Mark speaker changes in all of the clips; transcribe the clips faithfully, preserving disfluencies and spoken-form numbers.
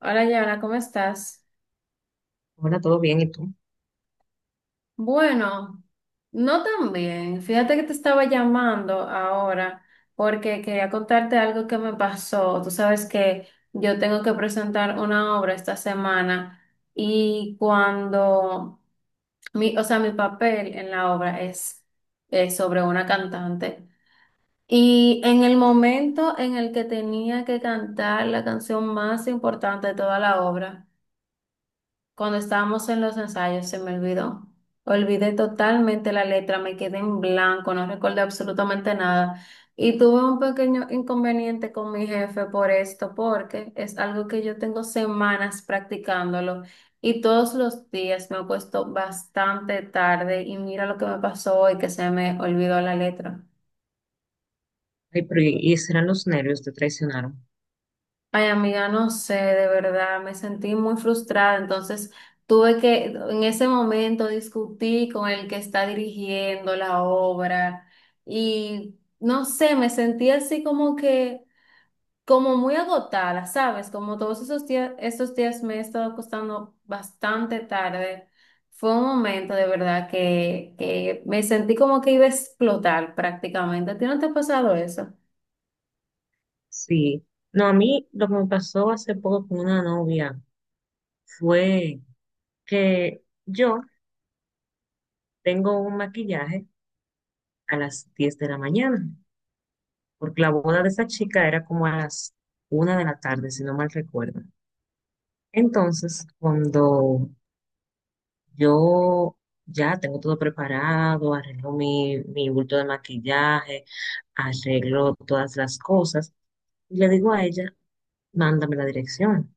Speaker 1: Hola, Yana, ¿cómo estás?
Speaker 2: Ahora, ¿todo bien? ¿Y tú?
Speaker 1: Bueno, no tan bien. Fíjate que te estaba llamando ahora porque quería contarte algo que me pasó. Tú sabes que yo tengo que presentar una obra esta semana y cuando mi, o sea, mi papel en la obra es, es sobre una cantante. Y en el momento en el que tenía que cantar la canción más importante de toda la obra, cuando estábamos en los ensayos se me olvidó. Olvidé totalmente la letra, me quedé en blanco, no recordé absolutamente nada. Y tuve un pequeño inconveniente con mi jefe por esto, porque es algo que yo tengo semanas practicándolo y todos los días me he puesto bastante tarde y mira lo que me pasó hoy, que se me olvidó la letra.
Speaker 2: Ay, pero ¿y y serán los nervios te traicionaron?
Speaker 1: Ay, amiga, no sé, de verdad, me sentí muy frustrada. Entonces, tuve que, en ese momento, discutí con el que está dirigiendo la obra y, no sé, me sentí así como que, como muy agotada, ¿sabes? Como todos esos días, esos días me he estado acostando bastante tarde. Fue un momento de verdad que, que me sentí como que iba a explotar prácticamente. ¿A ti no te ha pasado eso?
Speaker 2: Sí. No, a mí lo que me pasó hace poco con una novia fue que yo tengo un maquillaje a las diez de la mañana, porque la boda de esa chica era como a las una de la tarde, si no mal recuerdo. Entonces, cuando yo ya tengo todo preparado, arreglo mi, mi bulto de maquillaje, arreglo todas las cosas, y le digo a ella, mándame la dirección.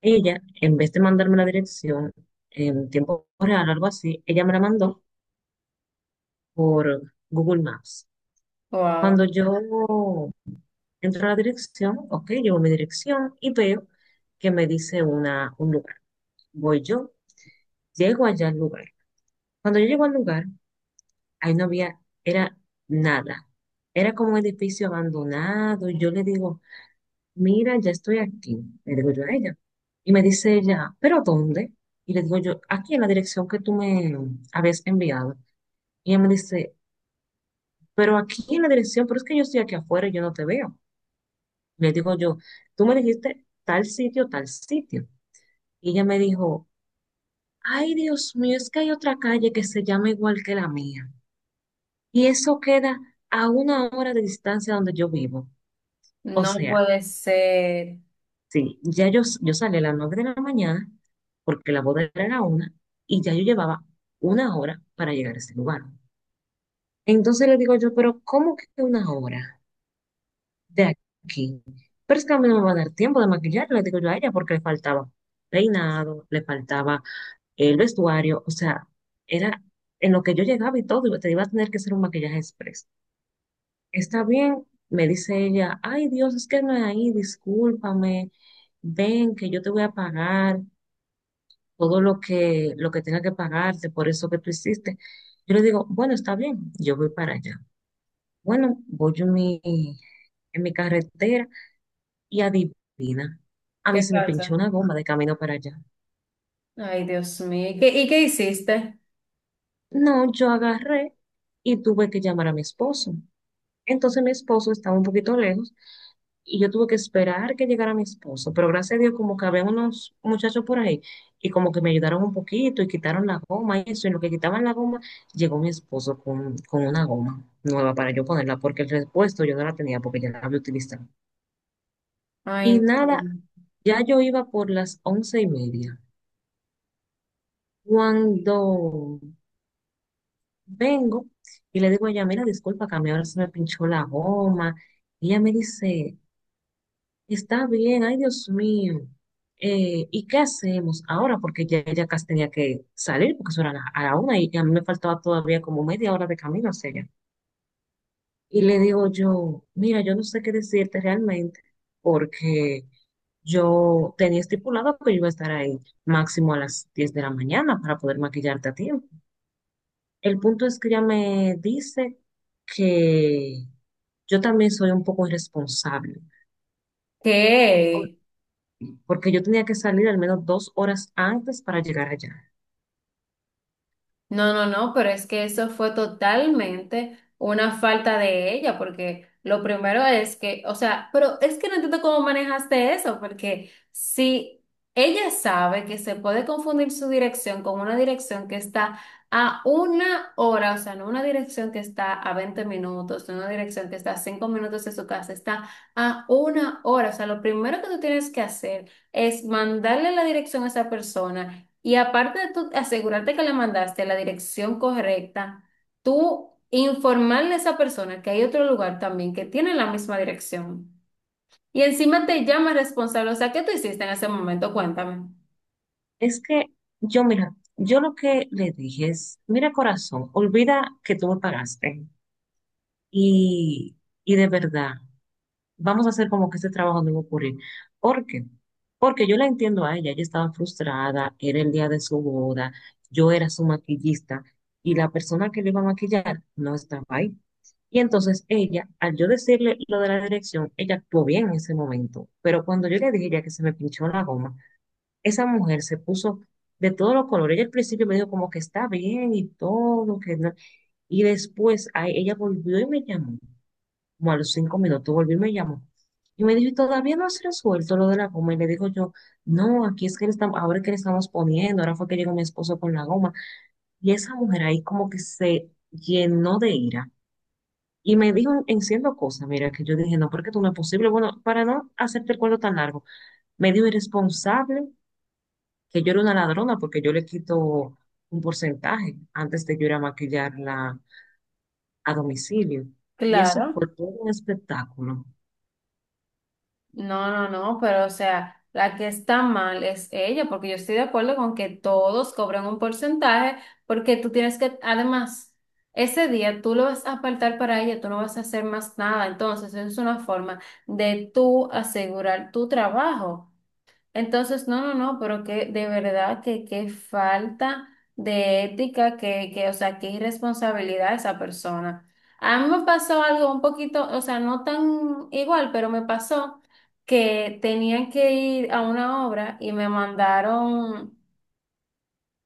Speaker 2: Ella, en vez de mandarme la dirección en tiempo real o algo así, ella me la mandó por Google Maps.
Speaker 1: Wow,
Speaker 2: Cuando yo entro a la dirección, ok, llevo mi dirección y veo que me dice una, un lugar. Voy yo, llego allá al lugar. Cuando yo llego al lugar, ahí no había, era nada. Era como un edificio abandonado. Yo le digo, mira, ya estoy aquí, le digo yo a ella. Y me dice ella, ¿pero dónde? Y le digo yo, aquí en la dirección que tú me habías enviado. Y ella me dice, pero aquí en la dirección, pero es que yo estoy aquí afuera y yo no te veo. Le digo yo, tú me dijiste tal sitio, tal sitio. Y ella me dijo, ay, Dios mío, es que hay otra calle que se llama igual que la mía. Y eso queda a una hora de distancia donde yo vivo. O
Speaker 1: no
Speaker 2: sea,
Speaker 1: puede ser.
Speaker 2: sí, ya yo, yo salí a las nueve de la mañana porque la boda era una y ya yo llevaba una hora para llegar a ese lugar. Entonces le digo yo, pero ¿cómo que una hora de aquí? Pero es que a mí no me va a dar tiempo de maquillar, le digo yo a ella, porque le faltaba peinado, le faltaba eh, el vestuario, o sea, era en lo que yo llegaba y todo, y te iba a tener que hacer un maquillaje express. Está bien, me dice ella, ay Dios, es que no es ahí, discúlpame, ven que yo te voy a pagar todo lo que, lo que tenga que pagarte por eso que tú hiciste. Yo le digo, bueno, está bien, yo voy para allá. Bueno, voy en mi, en mi carretera y adivina, a mí
Speaker 1: ¿Qué
Speaker 2: se me
Speaker 1: pasa?
Speaker 2: pinchó una goma de camino para allá.
Speaker 1: Ay, Dios mío. ¿Y qué, y qué hiciste?
Speaker 2: No, yo agarré y tuve que llamar a mi esposo. Entonces mi esposo estaba un poquito lejos y yo tuve que esperar que llegara mi esposo, pero gracias a Dios como que había unos muchachos por ahí y como que me ayudaron un poquito y quitaron la goma y eso, y en lo que quitaban la goma, llegó mi esposo con, con una goma nueva para yo ponerla, porque el repuesto yo no la tenía porque ya la había utilizado. Y
Speaker 1: Ay, no.
Speaker 2: nada, ya yo iba por las once y media. Cuando vengo y le digo a ella, mira, disculpa, que a mí ahora se me pinchó la goma. Y ella me dice, está bien, ay Dios mío. Eh, ¿y qué hacemos ahora? Porque ya ella casi tenía que salir, porque eso era a la, a la una y a mí me faltaba todavía como media hora de camino hacia allá. Y le digo yo, mira, yo no sé qué decirte realmente, porque yo tenía estipulado que yo iba a estar ahí máximo a las diez de la mañana para poder maquillarte a tiempo. El punto es que ella me dice que yo también soy un poco irresponsable,
Speaker 1: ¿Qué?
Speaker 2: porque yo tenía que salir al menos dos horas antes para llegar allá.
Speaker 1: No, no, no, pero es que eso fue totalmente una falta de ella, porque lo primero es que, o sea, pero es que no entiendo cómo manejaste eso, porque si ella sabe que se puede confundir su dirección con una dirección que está a una hora, o sea, no una dirección que está a veinte minutos, no una dirección que está a cinco minutos de su casa, está a una hora, o sea, lo primero que tú tienes que hacer es mandarle la dirección a esa persona y aparte de tú asegurarte que le mandaste a la dirección correcta, tú informarle a esa persona que hay otro lugar también que tiene la misma dirección. Y encima te llama responsable. O sea, ¿qué tú hiciste en ese momento? Cuéntame.
Speaker 2: Es que yo, mira, yo lo que le dije es, mira corazón, olvida que tú me pagaste y, y de verdad, vamos a hacer como que este trabajo no va a ocurrir. ¿Por qué? Porque yo la entiendo a ella, ella estaba frustrada, era el día de su boda, yo era su maquillista y la persona que le iba a maquillar no estaba ahí. Y entonces ella, al yo decirle lo de la dirección, ella actuó bien en ese momento. Pero cuando yo le dije ya que se me pinchó la goma, esa mujer se puso de todos los colores. Ella al principio me dijo como que está bien y todo, que no. Y después ay, ella volvió y me llamó, como a los cinco minutos volvió y me llamó. Y me dijo, ¿y todavía no has resuelto lo de la goma? Y le digo yo, no, aquí es que le estamos, ahora es que le estamos poniendo, ahora fue que llegó mi esposo con la goma. Y esa mujer ahí como que se llenó de ira y me dijo en siendo cosas, mira, que yo dije, no, porque tú no es posible. Bueno, para no hacerte el cuento tan largo, me dijo irresponsable, que yo era una ladrona porque yo le quito un porcentaje antes de yo ir a maquillarla a domicilio. Y eso
Speaker 1: Claro.
Speaker 2: fue todo un espectáculo,
Speaker 1: No, no, no, pero o sea, la que está mal es ella, porque yo estoy de acuerdo con que todos cobran un porcentaje, porque tú tienes que, además, ese día tú lo vas a apartar para ella, tú no vas a hacer más nada, entonces es una forma de tú asegurar tu trabajo. Entonces, no, no, no, pero que de verdad que qué falta de ética, que, que, o sea, qué irresponsabilidad esa persona. A mí me pasó algo un poquito, o sea, no tan igual, pero me pasó que tenían que ir a una obra y me mandaron.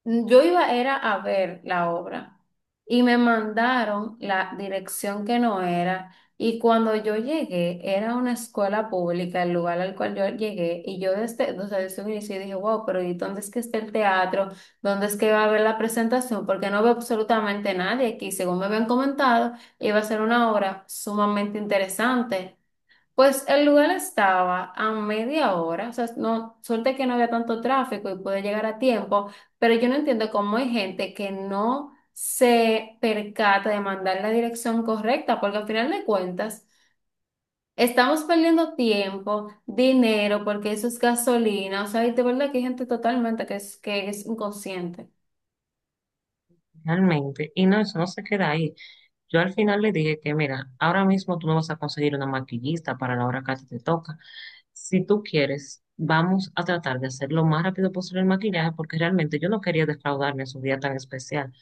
Speaker 1: Mm, yo iba era a ver la obra y me mandaron la dirección que no era y cuando yo llegué era una escuela pública el lugar al cual yo llegué y yo desde, o sea, desde un inicio dije, wow, pero ¿y dónde es que está el teatro? ¿Dónde es que va a haber la presentación? Porque no veo absolutamente nadie aquí. Según me habían comentado, iba a ser una obra sumamente interesante. Pues el lugar estaba a media hora, o sea, no, suerte que no había tanto tráfico y pude llegar a tiempo, pero yo no entiendo cómo hay gente que no se percata de mandar la dirección correcta, porque al final de cuentas estamos perdiendo tiempo, dinero, porque eso es gasolina, o sea, y de verdad que hay gente totalmente que es, que es inconsciente.
Speaker 2: realmente. Y no, eso no se queda ahí. Yo al final le dije que, mira, ahora mismo tú no vas a conseguir una maquillista para la hora que a ti te toca. Si tú quieres, vamos a tratar de hacer lo más rápido posible el maquillaje porque realmente yo no quería defraudarme en su día tan especial.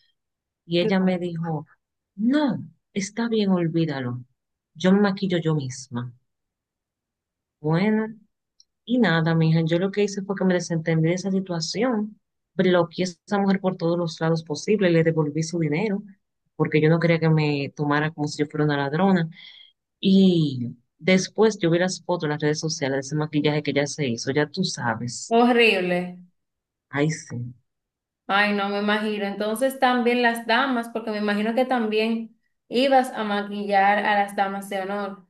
Speaker 2: Y ella
Speaker 1: Claro.
Speaker 2: me dijo, no, está bien, olvídalo. Yo me maquillo yo misma. Bueno, y nada, mija, yo lo que hice fue que me desentendí de esa situación, bloqueé a esa mujer por todos los lados posibles, le devolví su dinero, porque yo no quería que me tomara como si yo fuera una ladrona. Y después yo vi las fotos en las redes sociales de ese maquillaje que ella se hizo, ya tú sabes.
Speaker 1: Horrible.
Speaker 2: Ay, sí.
Speaker 1: Ay, no me imagino. Entonces también las damas, porque me imagino que también ibas a maquillar a las damas de honor.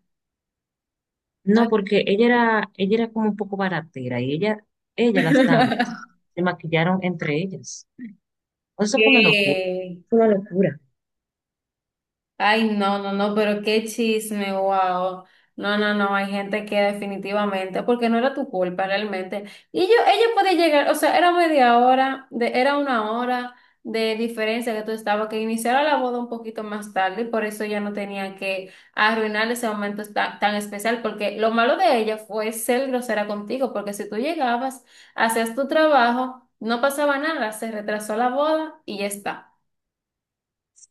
Speaker 1: Ay,
Speaker 2: No, porque ella era, ella era como un poco baratera y ella, ella, las damas se maquillaron entre ellas. Eso fue una locura.
Speaker 1: qué.
Speaker 2: Fue una locura.
Speaker 1: Ay, no, no, no, pero qué chisme, wow. No, no, no, hay gente que definitivamente, porque no era tu culpa realmente. Y yo, ella podía llegar, o sea, era media hora, de, era una hora de diferencia que tú estabas, que iniciara la boda un poquito más tarde, y por eso ella no tenía que arruinar ese momento ta- tan, especial, porque lo malo de ella fue ser grosera contigo, porque si tú llegabas, hacías tu trabajo, no pasaba nada, se retrasó la boda y ya está.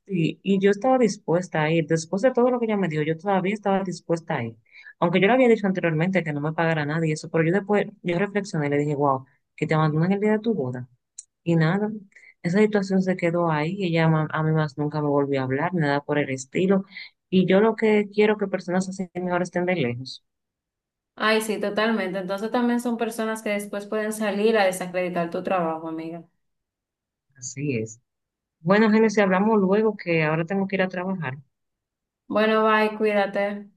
Speaker 2: Sí, y yo estaba dispuesta a ir. Después de todo lo que ella me dio, yo todavía estaba dispuesta a ir. Aunque yo le había dicho anteriormente que no me pagara nada y eso, pero yo después, yo reflexioné y le dije, wow, que te abandonan el día de tu boda. Y nada, esa situación se quedó ahí. Y ella ma- a mí más nunca me volvió a hablar, nada por el estilo. Y yo lo que quiero que personas así mejor estén de lejos.
Speaker 1: Ay, sí, totalmente. Entonces también son personas que después pueden salir a desacreditar tu trabajo, amiga.
Speaker 2: Así es. Bueno, Génesis, hablamos luego que ahora tengo que ir a trabajar.
Speaker 1: Bueno, bye, cuídate.